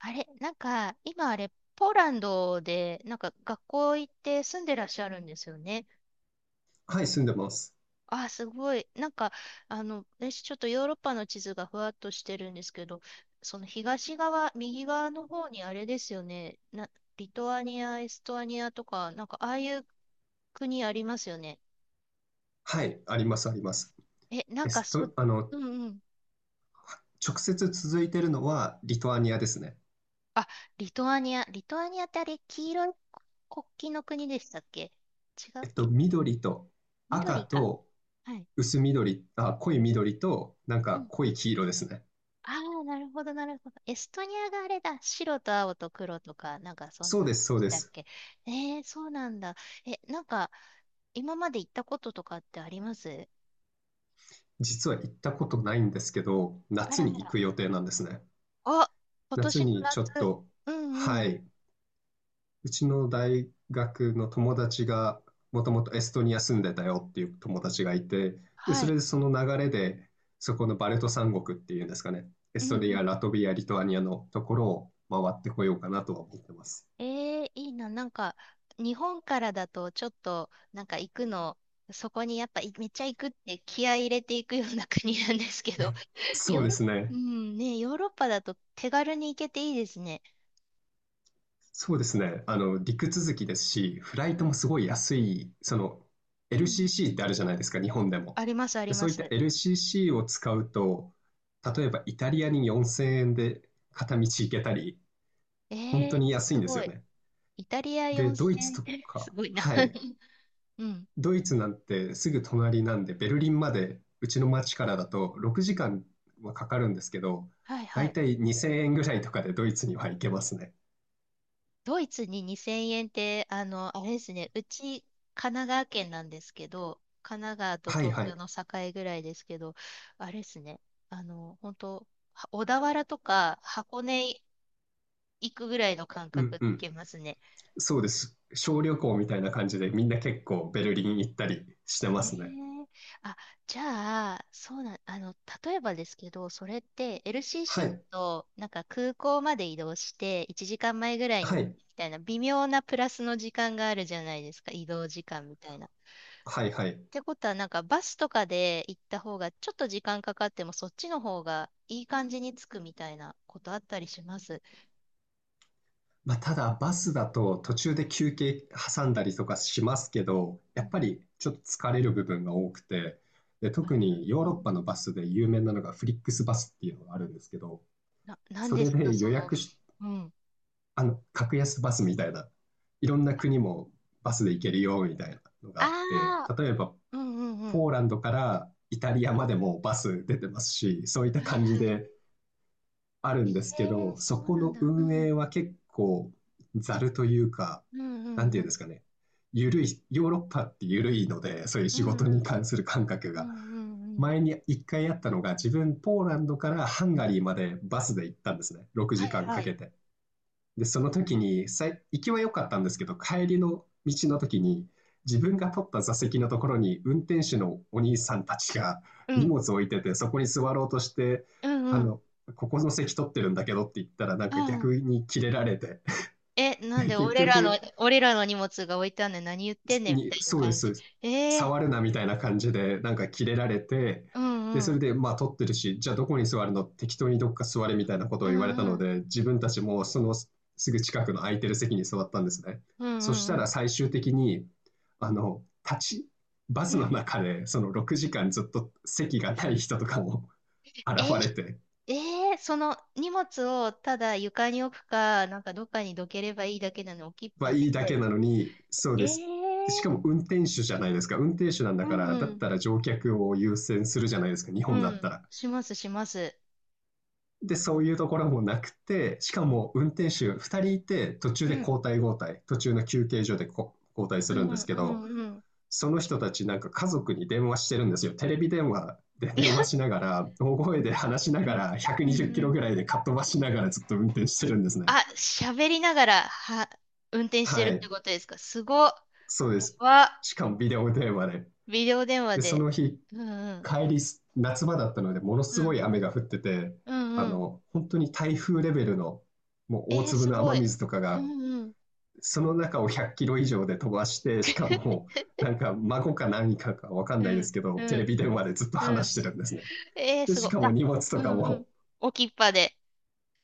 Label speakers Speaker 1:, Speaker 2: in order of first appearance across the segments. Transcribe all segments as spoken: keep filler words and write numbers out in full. Speaker 1: あれ、なんか、今あれ、ポーランドで、なんか学校行って住んでらっしゃるんですよね。
Speaker 2: はい、住んでます。
Speaker 1: あすごい。なんか、あの、私ちょっとヨーロッパの地図がふわっとしてるんですけど、その東側、右側の方にあれですよね。な、リトアニア、エストアニアとか、なんかああいう国ありますよね。
Speaker 2: はい、あります、あります。
Speaker 1: え、な
Speaker 2: エ
Speaker 1: んか
Speaker 2: ス
Speaker 1: そ、
Speaker 2: ト、あの、
Speaker 1: うんうん。
Speaker 2: 直接続いてるのはリトアニアですね。
Speaker 1: あ、リトアニア。リトアニアってあれ、黄色い国旗の国でしたっけ？違う
Speaker 2: え
Speaker 1: っ
Speaker 2: っと、
Speaker 1: け？
Speaker 2: 緑と赤
Speaker 1: 緑か。
Speaker 2: と
Speaker 1: はい。
Speaker 2: 薄緑、あ、濃い緑となん
Speaker 1: う
Speaker 2: か
Speaker 1: ん。
Speaker 2: 濃い黄色ですね。
Speaker 1: ああ、なるほど、なるほど。エストニアがあれだ。白と青と黒とか、なんかそん
Speaker 2: そう
Speaker 1: な、
Speaker 2: です、そうで
Speaker 1: だっ
Speaker 2: す。
Speaker 1: け。えー、そうなんだ。え、なんか、今まで行ったこととかってあります？
Speaker 2: 実は行ったことないんですけど、
Speaker 1: あ
Speaker 2: 夏
Speaker 1: ら
Speaker 2: に
Speaker 1: あ
Speaker 2: 行
Speaker 1: ら。
Speaker 2: く予定なんですね。
Speaker 1: あ、今年
Speaker 2: 夏
Speaker 1: の
Speaker 2: にちょっ
Speaker 1: 夏。
Speaker 2: と、
Speaker 1: うんう
Speaker 2: は
Speaker 1: ん。
Speaker 2: い、うちの大学の友達が、もともとエストニア住んでたよっていう友達がいて、で、
Speaker 1: は
Speaker 2: そ
Speaker 1: い。
Speaker 2: れでその流れで、そこのバルト三国っていうんですかね、エ
Speaker 1: う
Speaker 2: ス
Speaker 1: んう
Speaker 2: トニア、
Speaker 1: ん。
Speaker 2: ラトビア、リトアニアのところを回ってこようかなとは思ってます。
Speaker 1: えー、いいな。なんか、日本からだと、ちょっと、なんか行くの、そこにやっぱ、いめっちゃ行くって気合い入れていくような国なんですけど、
Speaker 2: そ
Speaker 1: ヨ
Speaker 2: う
Speaker 1: ー
Speaker 2: で
Speaker 1: ロッ、
Speaker 2: す
Speaker 1: う
Speaker 2: ね。
Speaker 1: ん、ね、ヨーロッパだと手軽に行けていいですね。
Speaker 2: そうですね。あの、陸続きですし、フライ
Speaker 1: う
Speaker 2: ト
Speaker 1: ん
Speaker 2: もすごい安い、その、
Speaker 1: うんうん。
Speaker 2: エルシーシー ってあるじゃないですか、日本で
Speaker 1: あ
Speaker 2: も。
Speaker 1: ります、あり
Speaker 2: で、
Speaker 1: ま
Speaker 2: そういった
Speaker 1: す。
Speaker 2: エルシーシー を使うと、例えばイタリアによんせんえんで片道行けたり、
Speaker 1: え
Speaker 2: 本当に
Speaker 1: ー、
Speaker 2: 安い
Speaker 1: す
Speaker 2: んです
Speaker 1: ご
Speaker 2: よ
Speaker 1: い。
Speaker 2: ね。
Speaker 1: イタリア
Speaker 2: で、ド
Speaker 1: 4000
Speaker 2: イツと
Speaker 1: 円って す
Speaker 2: か、
Speaker 1: ごいな
Speaker 2: は い。
Speaker 1: うん。
Speaker 2: ドイツなんてすぐ隣なんで、ベルリンまで、うちの町からだとろくじかんはかかるんですけど、
Speaker 1: はい
Speaker 2: だ
Speaker 1: は
Speaker 2: い
Speaker 1: い。
Speaker 2: たいにせんえんぐらいとかでドイツには行けますね。
Speaker 1: ドイツににせんえんって、あの、あれですね。うち、神奈川県なんですけど、神奈川と
Speaker 2: はい
Speaker 1: 東
Speaker 2: は
Speaker 1: 京
Speaker 2: い。
Speaker 1: の境ぐらいですけど、あれですね。あの、本当は小田原とか箱根行くぐらいの感
Speaker 2: うん
Speaker 1: 覚で
Speaker 2: う
Speaker 1: 行
Speaker 2: ん。
Speaker 1: けますね。
Speaker 2: そうです。小旅行みたいな感じで、みんな結構ベルリン行ったりしてま
Speaker 1: え
Speaker 2: すね。
Speaker 1: ー、あ、じゃあ、そうなん、あの、例えばですけど、それって
Speaker 2: は
Speaker 1: エルシーシー
Speaker 2: い。
Speaker 1: となんか空港まで移動していちじかんまえぐらいに
Speaker 2: は
Speaker 1: み
Speaker 2: い。
Speaker 1: たいな微妙なプラスの時間があるじゃないですか、移動時間みたいな。っ
Speaker 2: はいはい。
Speaker 1: てことは、なんかバスとかで行った方がちょっと時間かかってもそっちの方がいい感じに着くみたいなことあったりします？
Speaker 2: まあ、ただバスだと途中で休憩挟んだりとかしますけど、
Speaker 1: う
Speaker 2: やっ
Speaker 1: ん。
Speaker 2: ぱりちょっと疲れる部分が多くて、で、
Speaker 1: あ
Speaker 2: 特にヨ
Speaker 1: ー、
Speaker 2: ー
Speaker 1: う
Speaker 2: ロッパ
Speaker 1: ん、
Speaker 2: のバスで有名なのがフリックスバスっていうのがあるんですけど、
Speaker 1: な、なん
Speaker 2: そ
Speaker 1: で
Speaker 2: れ
Speaker 1: すか、
Speaker 2: で予
Speaker 1: その、
Speaker 2: 約し、
Speaker 1: うん。
Speaker 2: あの、格安バスみたいな、いろんな国もバスで行けるよみたいなのが
Speaker 1: あ
Speaker 2: あって、
Speaker 1: あ、
Speaker 2: 例えば
Speaker 1: うんうんう
Speaker 2: ポ
Speaker 1: ん。
Speaker 2: ーランドからイタリアまでもバス出てますし、そういった
Speaker 1: はい
Speaker 2: 感じ
Speaker 1: はい。
Speaker 2: である
Speaker 1: え
Speaker 2: んですけ
Speaker 1: えー、
Speaker 2: ど、そ
Speaker 1: そう
Speaker 2: こ
Speaker 1: なん
Speaker 2: の
Speaker 1: だ。う
Speaker 2: 運
Speaker 1: ん。
Speaker 2: 営は結構ざるというか、
Speaker 1: うんう
Speaker 2: なん
Speaker 1: ん
Speaker 2: てい
Speaker 1: う
Speaker 2: うんで
Speaker 1: ん。
Speaker 2: すかね、緩い、ヨーロッパって緩いので、そういう
Speaker 1: う
Speaker 2: 仕
Speaker 1: ん
Speaker 2: 事
Speaker 1: う
Speaker 2: に
Speaker 1: ん。
Speaker 2: 関する感覚
Speaker 1: う
Speaker 2: が。
Speaker 1: んうんうん。
Speaker 2: 前に一回あったのが、自分ポーランドからハンガリーまでバスで行ったんですね。6
Speaker 1: はい
Speaker 2: 時間か
Speaker 1: は
Speaker 2: んか
Speaker 1: い。
Speaker 2: けて。で、その時に、さい行きは良かったんですけど、帰りの道の時に、自分が取った座席のところに、運転手のお兄さんたちが
Speaker 1: う
Speaker 2: 荷
Speaker 1: ん。
Speaker 2: 物を置いてて、そこに座ろうとして、
Speaker 1: うん
Speaker 2: あ
Speaker 1: うん。
Speaker 2: の、ここの席取ってるんだけどって言ったら、なん
Speaker 1: う
Speaker 2: か
Speaker 1: ん。
Speaker 2: 逆にキレられて、
Speaker 1: え、なん
Speaker 2: で
Speaker 1: で
Speaker 2: 結
Speaker 1: 俺らの、
Speaker 2: 局、
Speaker 1: 俺らの荷物が置いてあんねん。何言ってんねんみ
Speaker 2: に、
Speaker 1: たいな
Speaker 2: そうで
Speaker 1: 感
Speaker 2: す、そう
Speaker 1: じ。
Speaker 2: です。
Speaker 1: ええ
Speaker 2: 触るなみたいな感じで、なんかキレられて、
Speaker 1: ー、うん
Speaker 2: で、
Speaker 1: う
Speaker 2: それ
Speaker 1: ん。
Speaker 2: で、まあ、取ってるし、じゃあどこに座るの適当にどっか座れみたいなことを
Speaker 1: う
Speaker 2: 言われ
Speaker 1: ん
Speaker 2: た
Speaker 1: う
Speaker 2: の
Speaker 1: ん。
Speaker 2: で、自分たちもそのすぐ近くの空いてる席に座ったんですね。
Speaker 1: うん
Speaker 2: そし
Speaker 1: うんう
Speaker 2: たら
Speaker 1: ん。
Speaker 2: 最終的に、あの、立ち、バス
Speaker 1: う
Speaker 2: の
Speaker 1: ん。
Speaker 2: 中で、そのろくじかんずっと席がない人とかも 現
Speaker 1: え、
Speaker 2: れて、
Speaker 1: えー、その荷物をただ床に置くか、なんかどっかにどければいいだけなの置きっ
Speaker 2: は
Speaker 1: ぱで。
Speaker 2: いいだけなのに、そう
Speaker 1: ええ
Speaker 2: です。でし
Speaker 1: ー、
Speaker 2: かも運転手じゃないですか。運転手なん
Speaker 1: う
Speaker 2: だか
Speaker 1: ん
Speaker 2: ら、だ
Speaker 1: う
Speaker 2: っ
Speaker 1: ん。
Speaker 2: たら乗客を優先するじゃないですか、日
Speaker 1: う
Speaker 2: 本だっ
Speaker 1: ん。
Speaker 2: たら。
Speaker 1: しますします。
Speaker 2: で、そういうところもなくて、しかも運転手ふたりいて、途中
Speaker 1: う
Speaker 2: で
Speaker 1: ん。
Speaker 2: 交代交代、途中の休憩所でこ交代す
Speaker 1: うん
Speaker 2: るん
Speaker 1: う
Speaker 2: です
Speaker 1: ん
Speaker 2: け
Speaker 1: う
Speaker 2: ど、
Speaker 1: んうん。
Speaker 2: その人たちなんか家族に電話してるんですよ。テレビ電話で
Speaker 1: いや、
Speaker 2: 電話しながら、大声で話し
Speaker 1: う
Speaker 2: なが
Speaker 1: ん、
Speaker 2: ら、
Speaker 1: う
Speaker 2: 120キ
Speaker 1: ん、う
Speaker 2: ロ
Speaker 1: ん。
Speaker 2: ぐらいでかっ飛ばしながらずっと運転してるんですね。
Speaker 1: あ、喋りながら、は、運転してる
Speaker 2: は
Speaker 1: って
Speaker 2: い、
Speaker 1: ことですか？すごっ。
Speaker 2: そうで
Speaker 1: や
Speaker 2: す。
Speaker 1: ば。
Speaker 2: しかもビデオ電話で。
Speaker 1: ビデオ電話
Speaker 2: で、そ
Speaker 1: で。
Speaker 2: の日、
Speaker 1: うん、うん。
Speaker 2: 帰り夏場だったので、もの
Speaker 1: う
Speaker 2: すご
Speaker 1: ん、
Speaker 2: い雨が降ってて、
Speaker 1: うん、
Speaker 2: あ
Speaker 1: うん。
Speaker 2: の、本当に台風レベルの、もう大
Speaker 1: えー、
Speaker 2: 粒
Speaker 1: す
Speaker 2: の
Speaker 1: ご
Speaker 2: 雨
Speaker 1: い。
Speaker 2: 水とか
Speaker 1: う
Speaker 2: が、
Speaker 1: ん、うん。
Speaker 2: その中をひゃっキロ以上で飛ばして、しか も、なんか孫か何かかわかん
Speaker 1: う
Speaker 2: ないです
Speaker 1: ん、
Speaker 2: けど、
Speaker 1: う
Speaker 2: テレ
Speaker 1: ん、
Speaker 2: ビ電話でずっと
Speaker 1: うん。
Speaker 2: 話してるんですね。
Speaker 1: えー、
Speaker 2: で、
Speaker 1: すご
Speaker 2: し
Speaker 1: い。
Speaker 2: かも
Speaker 1: あ、
Speaker 2: 荷物と
Speaker 1: う
Speaker 2: か
Speaker 1: ん、う
Speaker 2: も、
Speaker 1: ん。置きっぱで。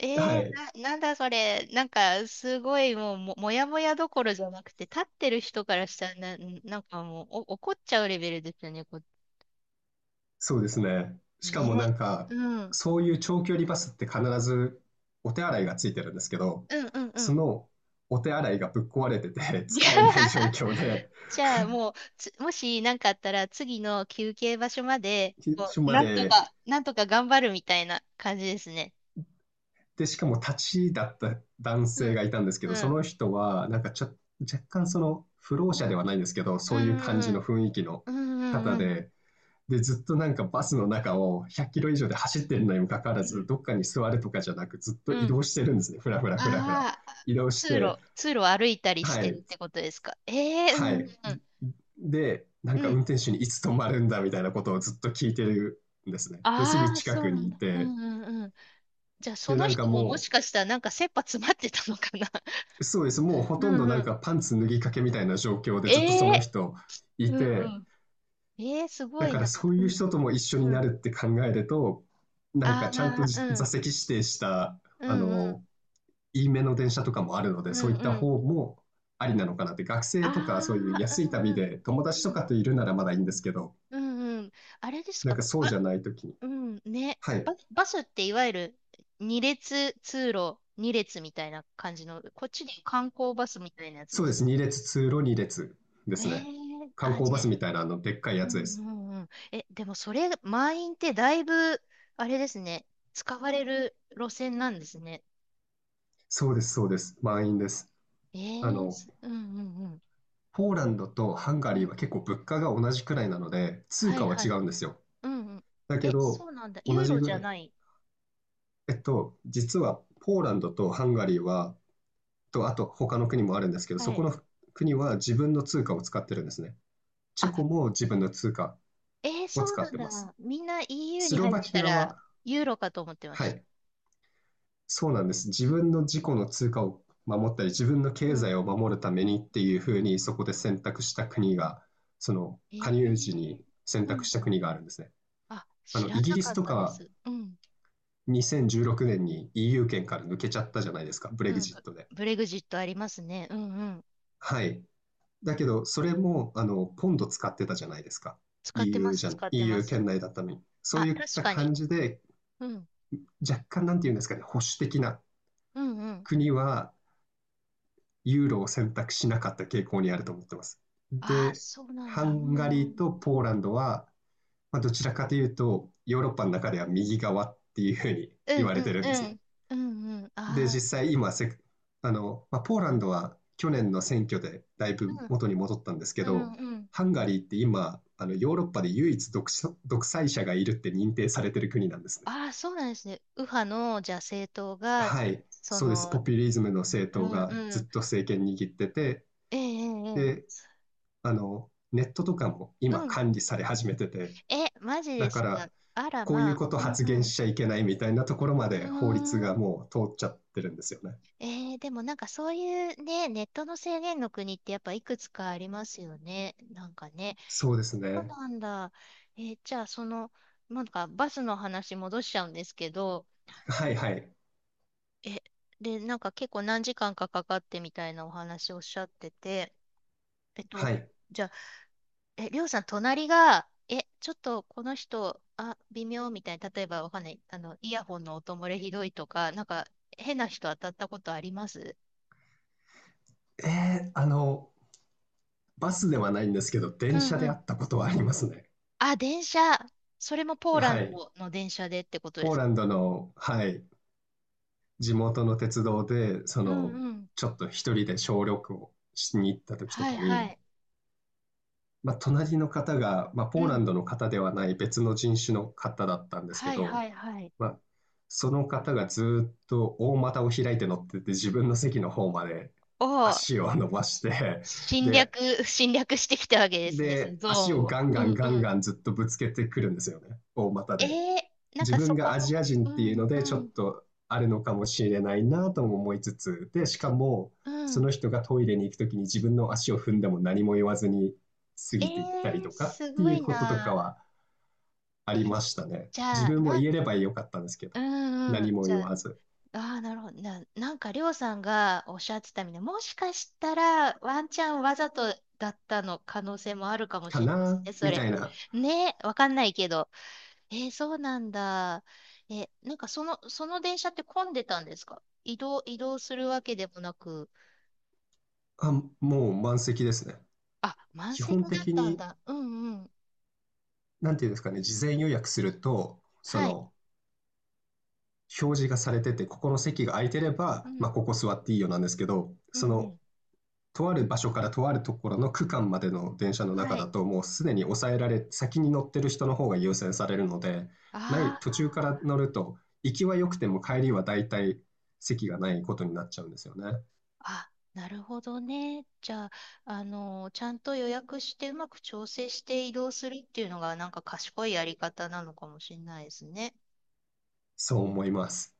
Speaker 1: え
Speaker 2: は
Speaker 1: ー、
Speaker 2: い、
Speaker 1: な、なんだそれ。なんか、すごい、もう、も、もやもやどころじゃなくて、立ってる人からしたらな、なんかもう、お、怒っちゃうレベルですよね、こ、
Speaker 2: そうですね。しかもな
Speaker 1: ね。
Speaker 2: んか、
Speaker 1: うん。
Speaker 2: そういう長距離バスって必ずお手洗いがついてるんですけど、
Speaker 1: うんうんう
Speaker 2: そ
Speaker 1: ん。
Speaker 2: のお手洗いがぶっ壊れてて
Speaker 1: いや、
Speaker 2: 使えない状況で、
Speaker 1: じゃあもう、つもし何かあったら次の休憩場所まで、こ
Speaker 2: 署
Speaker 1: う
Speaker 2: ま
Speaker 1: なんと
Speaker 2: で、
Speaker 1: か、なんとか頑張るみたいな感じですね。
Speaker 2: で、しかも立ちだった男
Speaker 1: う
Speaker 2: 性
Speaker 1: ん。
Speaker 2: がいたんですけど、
Speaker 1: う
Speaker 2: そ
Speaker 1: ん。
Speaker 2: の人は、なんかちょ、若干その、不老
Speaker 1: う
Speaker 2: 者で
Speaker 1: ん。
Speaker 2: はないんですけど、
Speaker 1: う
Speaker 2: そういう感じ
Speaker 1: んう
Speaker 2: の
Speaker 1: ん
Speaker 2: 雰囲気の
Speaker 1: うん。
Speaker 2: 方
Speaker 1: うんうん
Speaker 2: で、で、ずっとなんかバスの中をひゃっキロ以上で走ってるのにもかかわら
Speaker 1: う
Speaker 2: ず、
Speaker 1: ん。
Speaker 2: どっかに座るとかじゃなく、ずっと
Speaker 1: う
Speaker 2: 移
Speaker 1: ん。
Speaker 2: 動してるんですね。ふらふらふらふら。
Speaker 1: ああ、
Speaker 2: 移動し
Speaker 1: 通
Speaker 2: て、
Speaker 1: 路、通路を歩いたりし
Speaker 2: は
Speaker 1: てる
Speaker 2: い、
Speaker 1: ってことですか？ええ、う
Speaker 2: は
Speaker 1: んうん
Speaker 2: い。で、なん
Speaker 1: うん。
Speaker 2: か
Speaker 1: う
Speaker 2: 運
Speaker 1: ん。
Speaker 2: 転手にいつ止まるんだみたいなことをずっと聞いてるんですね。で、すぐ
Speaker 1: ああ、
Speaker 2: 近
Speaker 1: そう
Speaker 2: く
Speaker 1: な
Speaker 2: に
Speaker 1: ん
Speaker 2: い
Speaker 1: だ。う
Speaker 2: て、
Speaker 1: んうんうん。じゃあそ
Speaker 2: で、
Speaker 1: の
Speaker 2: なんか
Speaker 1: 人もも
Speaker 2: も
Speaker 1: し
Speaker 2: う、
Speaker 1: かしたらなんか切羽詰まってたのかな。
Speaker 2: そうです。もうほ
Speaker 1: う
Speaker 2: とんど
Speaker 1: ん
Speaker 2: な
Speaker 1: う
Speaker 2: ん
Speaker 1: ん。
Speaker 2: かパンツ脱ぎかけみたいな状況 でずっとそ
Speaker 1: え
Speaker 2: の
Speaker 1: え
Speaker 2: 人
Speaker 1: ー、
Speaker 2: い
Speaker 1: うん
Speaker 2: て、
Speaker 1: うん。えー、すご
Speaker 2: だ
Speaker 1: い
Speaker 2: から
Speaker 1: な。
Speaker 2: そう
Speaker 1: う
Speaker 2: いう
Speaker 1: ん、
Speaker 2: 人とも一緒に
Speaker 1: う
Speaker 2: な
Speaker 1: ん。
Speaker 2: るって考えると、なんかちゃんと
Speaker 1: ああ、
Speaker 2: じ
Speaker 1: う
Speaker 2: 座
Speaker 1: ん、
Speaker 2: 席指定した、
Speaker 1: う
Speaker 2: あ
Speaker 1: ん、うん、
Speaker 2: の、いいめの電車とかもあるので、
Speaker 1: う
Speaker 2: そう
Speaker 1: ん、
Speaker 2: いった
Speaker 1: うん。
Speaker 2: 方もありなのかなって、学
Speaker 1: あ
Speaker 2: 生とかそういう安
Speaker 1: あ、
Speaker 2: い
Speaker 1: う
Speaker 2: 旅
Speaker 1: ん、
Speaker 2: で友
Speaker 1: う
Speaker 2: 達と
Speaker 1: ん、
Speaker 2: かといるならまだい
Speaker 1: う
Speaker 2: いんで
Speaker 1: ん、
Speaker 2: すけど、
Speaker 1: うん、うん。あれです
Speaker 2: なん
Speaker 1: か、
Speaker 2: かそうじゃ
Speaker 1: ば、
Speaker 2: ない時に。
Speaker 1: うん、ね。
Speaker 2: はい。
Speaker 1: バ、バスっていわゆる二列通路、二列みたいな感じの、こっちで観光バスみたいなやつ
Speaker 2: そ
Speaker 1: で
Speaker 2: うで
Speaker 1: すか？
Speaker 2: す。にれつ列、通路にれつ列で
Speaker 1: え
Speaker 2: すね。
Speaker 1: ー、
Speaker 2: 観
Speaker 1: あ、
Speaker 2: 光バ
Speaker 1: じゃ
Speaker 2: スみ
Speaker 1: あ、
Speaker 2: たいなあの、でっかい
Speaker 1: う
Speaker 2: やつで
Speaker 1: ん、
Speaker 2: す。
Speaker 1: うん、うん。え、でもそれ、満員ってだいぶ、あれですね、使われる路線なんですね。
Speaker 2: そうです、そうです。満員です。
Speaker 1: え
Speaker 2: あ
Speaker 1: ー、
Speaker 2: の、
Speaker 1: すうん、うん、
Speaker 2: ポーランドとハンガ
Speaker 1: う
Speaker 2: リー
Speaker 1: ん。
Speaker 2: は結構物価が同じくらいなので、通
Speaker 1: はい
Speaker 2: 貨は
Speaker 1: は
Speaker 2: 違
Speaker 1: い。
Speaker 2: うんですよ。
Speaker 1: うんうん。
Speaker 2: だけ
Speaker 1: え、
Speaker 2: ど、
Speaker 1: そうなんだ。
Speaker 2: 同
Speaker 1: ユー
Speaker 2: じ
Speaker 1: ロ
Speaker 2: ぐ
Speaker 1: じゃ
Speaker 2: らい。
Speaker 1: ない？
Speaker 2: えっと、実はポーランドとハンガリーは、と、あと他の国もあるんですけど、そ
Speaker 1: は
Speaker 2: こ
Speaker 1: い。
Speaker 2: の国は自分の通貨を使ってるんですね。チェ
Speaker 1: あ、
Speaker 2: コも自分の通貨
Speaker 1: えー、
Speaker 2: を
Speaker 1: そう
Speaker 2: 使っ
Speaker 1: なん
Speaker 2: てます。
Speaker 1: だ。みんな イーユー
Speaker 2: ス
Speaker 1: に
Speaker 2: ロ
Speaker 1: 入っ
Speaker 2: バ
Speaker 1: て
Speaker 2: キ
Speaker 1: た
Speaker 2: ア
Speaker 1: ら、
Speaker 2: は、
Speaker 1: ユーロかと思ってま
Speaker 2: は
Speaker 1: した。
Speaker 2: い、そうなんです。自分の自己の通貨を守ったり、自分の
Speaker 1: う
Speaker 2: 経
Speaker 1: ん。
Speaker 2: 済を守るためにっていうふうに、そこで選択した国が、その
Speaker 1: え
Speaker 2: 加入時
Speaker 1: ー、
Speaker 2: に選
Speaker 1: うんう
Speaker 2: 択
Speaker 1: ん。
Speaker 2: した国があるんですね。
Speaker 1: あ、
Speaker 2: あ
Speaker 1: 知
Speaker 2: の、
Speaker 1: ら
Speaker 2: イギ
Speaker 1: な
Speaker 2: リ
Speaker 1: か
Speaker 2: ス
Speaker 1: っ
Speaker 2: と
Speaker 1: たで
Speaker 2: か
Speaker 1: す。うん。
Speaker 2: にせんじゅうろくねんに イーユー 圏から抜けちゃったじゃないですか、ブレ
Speaker 1: う
Speaker 2: グ
Speaker 1: ん。
Speaker 2: ジッ
Speaker 1: ブ、
Speaker 2: トで。
Speaker 1: ブレグジットありますね。うんうん。
Speaker 2: はい。だけど、それも、あの、ポンド使ってたじゃないですか。
Speaker 1: 使ってま
Speaker 2: イーユー
Speaker 1: す、
Speaker 2: じゃん、
Speaker 1: 使ってま
Speaker 2: イーユー
Speaker 1: す。
Speaker 2: 圏内だったのに。そう
Speaker 1: あ、
Speaker 2: いっ
Speaker 1: 確
Speaker 2: た
Speaker 1: かに。
Speaker 2: 感じで、
Speaker 1: うん。
Speaker 2: 若干なんていうんですかね、保守的な
Speaker 1: うんうん。
Speaker 2: 国はユーロを選択しなかった傾向にあると思ってます。
Speaker 1: ああ、
Speaker 2: で、
Speaker 1: そうなん
Speaker 2: ハ
Speaker 1: だ。う
Speaker 2: ンガ
Speaker 1: んう
Speaker 2: リー
Speaker 1: ん。
Speaker 2: とポーランドは、まあ、どちらかというと、ヨーロッパの中では右側っていうふうに
Speaker 1: う
Speaker 2: 言
Speaker 1: ん
Speaker 2: わ
Speaker 1: う
Speaker 2: れて
Speaker 1: ん
Speaker 2: るん
Speaker 1: う
Speaker 2: ですね。
Speaker 1: ん。うんうん。
Speaker 2: で、
Speaker 1: ああ、
Speaker 2: 実際今せ、あの、まあ、ポーランドは去年の選挙でだいぶ
Speaker 1: うん。
Speaker 2: 元に戻ったんですけ
Speaker 1: う
Speaker 2: ど、
Speaker 1: んうん。
Speaker 2: ハンガリーって今、あのヨーロッパで唯一独所独裁者がいるって認定されてる国なんですね。
Speaker 1: ああ、そうなんですね。右派の、じゃあ政党が、
Speaker 2: はい、
Speaker 1: そ
Speaker 2: そうです。
Speaker 1: の、
Speaker 2: ポピュリズムの政
Speaker 1: う
Speaker 2: 党
Speaker 1: ん
Speaker 2: が
Speaker 1: う
Speaker 2: ず
Speaker 1: ん。
Speaker 2: っと政権握ってて、
Speaker 1: えええええ
Speaker 2: で、
Speaker 1: え、
Speaker 2: あの、ネットとかも今
Speaker 1: うん。
Speaker 2: 管理され始めてて、
Speaker 1: え、マジ
Speaker 2: だ
Speaker 1: で
Speaker 2: か
Speaker 1: すか？
Speaker 2: ら、
Speaker 1: あら、
Speaker 2: こういう
Speaker 1: ま
Speaker 2: こと
Speaker 1: あ、うん
Speaker 2: 発
Speaker 1: う
Speaker 2: 言
Speaker 1: ん。
Speaker 2: しちゃいけないみたいなところま
Speaker 1: うー
Speaker 2: で法律が
Speaker 1: ん。
Speaker 2: もう通っちゃってるんですよね。
Speaker 1: えー、でもなんかそういうね、ネットの制限の国ってやっぱいくつかありますよね。なんかね。
Speaker 2: そうです
Speaker 1: そう
Speaker 2: ね。
Speaker 1: なんだ。えー、じゃあその、なんかバスの話戻しちゃうんですけど、
Speaker 2: はいはい。
Speaker 1: え、で、なんか結構何時間かかかってみたいなお話おっしゃってて、えっと、
Speaker 2: はい。
Speaker 1: じゃえ、りょうさん、隣が、え、ちょっとこの人、あ、微妙みたいな、例えばわかんない、あの、イヤホンの音漏れひどいとか、なんか、変な人当たったことあります？
Speaker 2: えー、あの、バスではないんですけど、
Speaker 1: う
Speaker 2: 電
Speaker 1: ん
Speaker 2: 車
Speaker 1: う
Speaker 2: で会
Speaker 1: ん。
Speaker 2: ったことはありますね。
Speaker 1: あ、電車。それもポーラ
Speaker 2: は
Speaker 1: ン
Speaker 2: い。
Speaker 1: ドの電車でってことで
Speaker 2: ポー
Speaker 1: すか？
Speaker 2: ランドの、はい、地元の鉄道で、そ
Speaker 1: う
Speaker 2: の、
Speaker 1: んうん。
Speaker 2: ちょっと一人で小旅行しに行った時と
Speaker 1: はい
Speaker 2: か
Speaker 1: は
Speaker 2: に、
Speaker 1: い。
Speaker 2: まあ、隣の方が、まあ、
Speaker 1: う
Speaker 2: ポーラ
Speaker 1: ん。
Speaker 2: ンドの方ではない別の人種の方だったんですけ
Speaker 1: はいは
Speaker 2: ど、
Speaker 1: いはい。
Speaker 2: まあ、その方がずーっと大股を開いて乗ってて、自分の席の方まで
Speaker 1: を
Speaker 2: 足を伸ばして、
Speaker 1: 侵略、
Speaker 2: で、
Speaker 1: 侵略してきたわけですね、その
Speaker 2: で、
Speaker 1: ゾー
Speaker 2: 足
Speaker 1: ン
Speaker 2: を
Speaker 1: を。
Speaker 2: ガン
Speaker 1: う
Speaker 2: ガン
Speaker 1: んう
Speaker 2: ガン
Speaker 1: ん。
Speaker 2: ガンずっとぶつけてくるんですよね。大股
Speaker 1: え
Speaker 2: で。
Speaker 1: ー、なん
Speaker 2: 自
Speaker 1: か
Speaker 2: 分
Speaker 1: そこ
Speaker 2: がアジア
Speaker 1: も、
Speaker 2: 人
Speaker 1: う
Speaker 2: っていう
Speaker 1: ん、
Speaker 2: の
Speaker 1: う
Speaker 2: で、ちょっ
Speaker 1: ん、
Speaker 2: とあるのかもしれないなとも思いつつ、で、しかも、
Speaker 1: う
Speaker 2: そ
Speaker 1: ん。
Speaker 2: の人がトイレに行くときに自分の足を踏んでも何も言わずに過
Speaker 1: え
Speaker 2: ぎていったり
Speaker 1: ー、
Speaker 2: とかっ
Speaker 1: す
Speaker 2: て
Speaker 1: ご
Speaker 2: い
Speaker 1: い
Speaker 2: うこととか
Speaker 1: な。
Speaker 2: はあ
Speaker 1: え、
Speaker 2: りましたね。
Speaker 1: じゃ
Speaker 2: 自
Speaker 1: あ、
Speaker 2: 分も
Speaker 1: な、
Speaker 2: 言えればよかったんですけ
Speaker 1: う
Speaker 2: ど、
Speaker 1: んうん。
Speaker 2: 何も
Speaker 1: じゃ
Speaker 2: 言
Speaker 1: あ、
Speaker 2: わず。
Speaker 1: ああ、なるほど。な、なんか、りょうさんがおっしゃってたみたいな、もしかしたら、ワンチャンわざとだったの可能性もあるかも
Speaker 2: か
Speaker 1: しれないです
Speaker 2: な
Speaker 1: ね、そ
Speaker 2: み
Speaker 1: れ。
Speaker 2: たいな。
Speaker 1: ね、わかんないけど。えー、そうなんだ。え、なんか、その、その電車って混んでたんですか？移動、移動するわけでもなく。
Speaker 2: あ、もう満席ですね。
Speaker 1: あ、満
Speaker 2: 基
Speaker 1: 席
Speaker 2: 本
Speaker 1: だっ
Speaker 2: 的
Speaker 1: たん
Speaker 2: に、
Speaker 1: だ。うんうん。
Speaker 2: なんていうんですかね、事前予約すると、そ
Speaker 1: はい。
Speaker 2: の、表示がされてて、ここの席が空いてれ
Speaker 1: う
Speaker 2: ば、ま
Speaker 1: ん。
Speaker 2: あ、ここ座っていいよなんですけど、
Speaker 1: うん
Speaker 2: そ
Speaker 1: う
Speaker 2: の、
Speaker 1: ん。
Speaker 2: とある場所からとあるところの区間までの電車の中
Speaker 1: は
Speaker 2: だ
Speaker 1: い。
Speaker 2: と、もうすでに抑えられ、先に乗ってる人の方が優先されるので、ない、
Speaker 1: あ
Speaker 2: 途中から
Speaker 1: あ。
Speaker 2: 乗ると、行きは良くても帰りは大体席がないことになっちゃうんですよね。
Speaker 1: あ、なるほどね。じゃあ、あの、ちゃんと予約してうまく調整して移動するっていうのがなんか賢いやり方なのかもしれないですね。
Speaker 2: そう思います。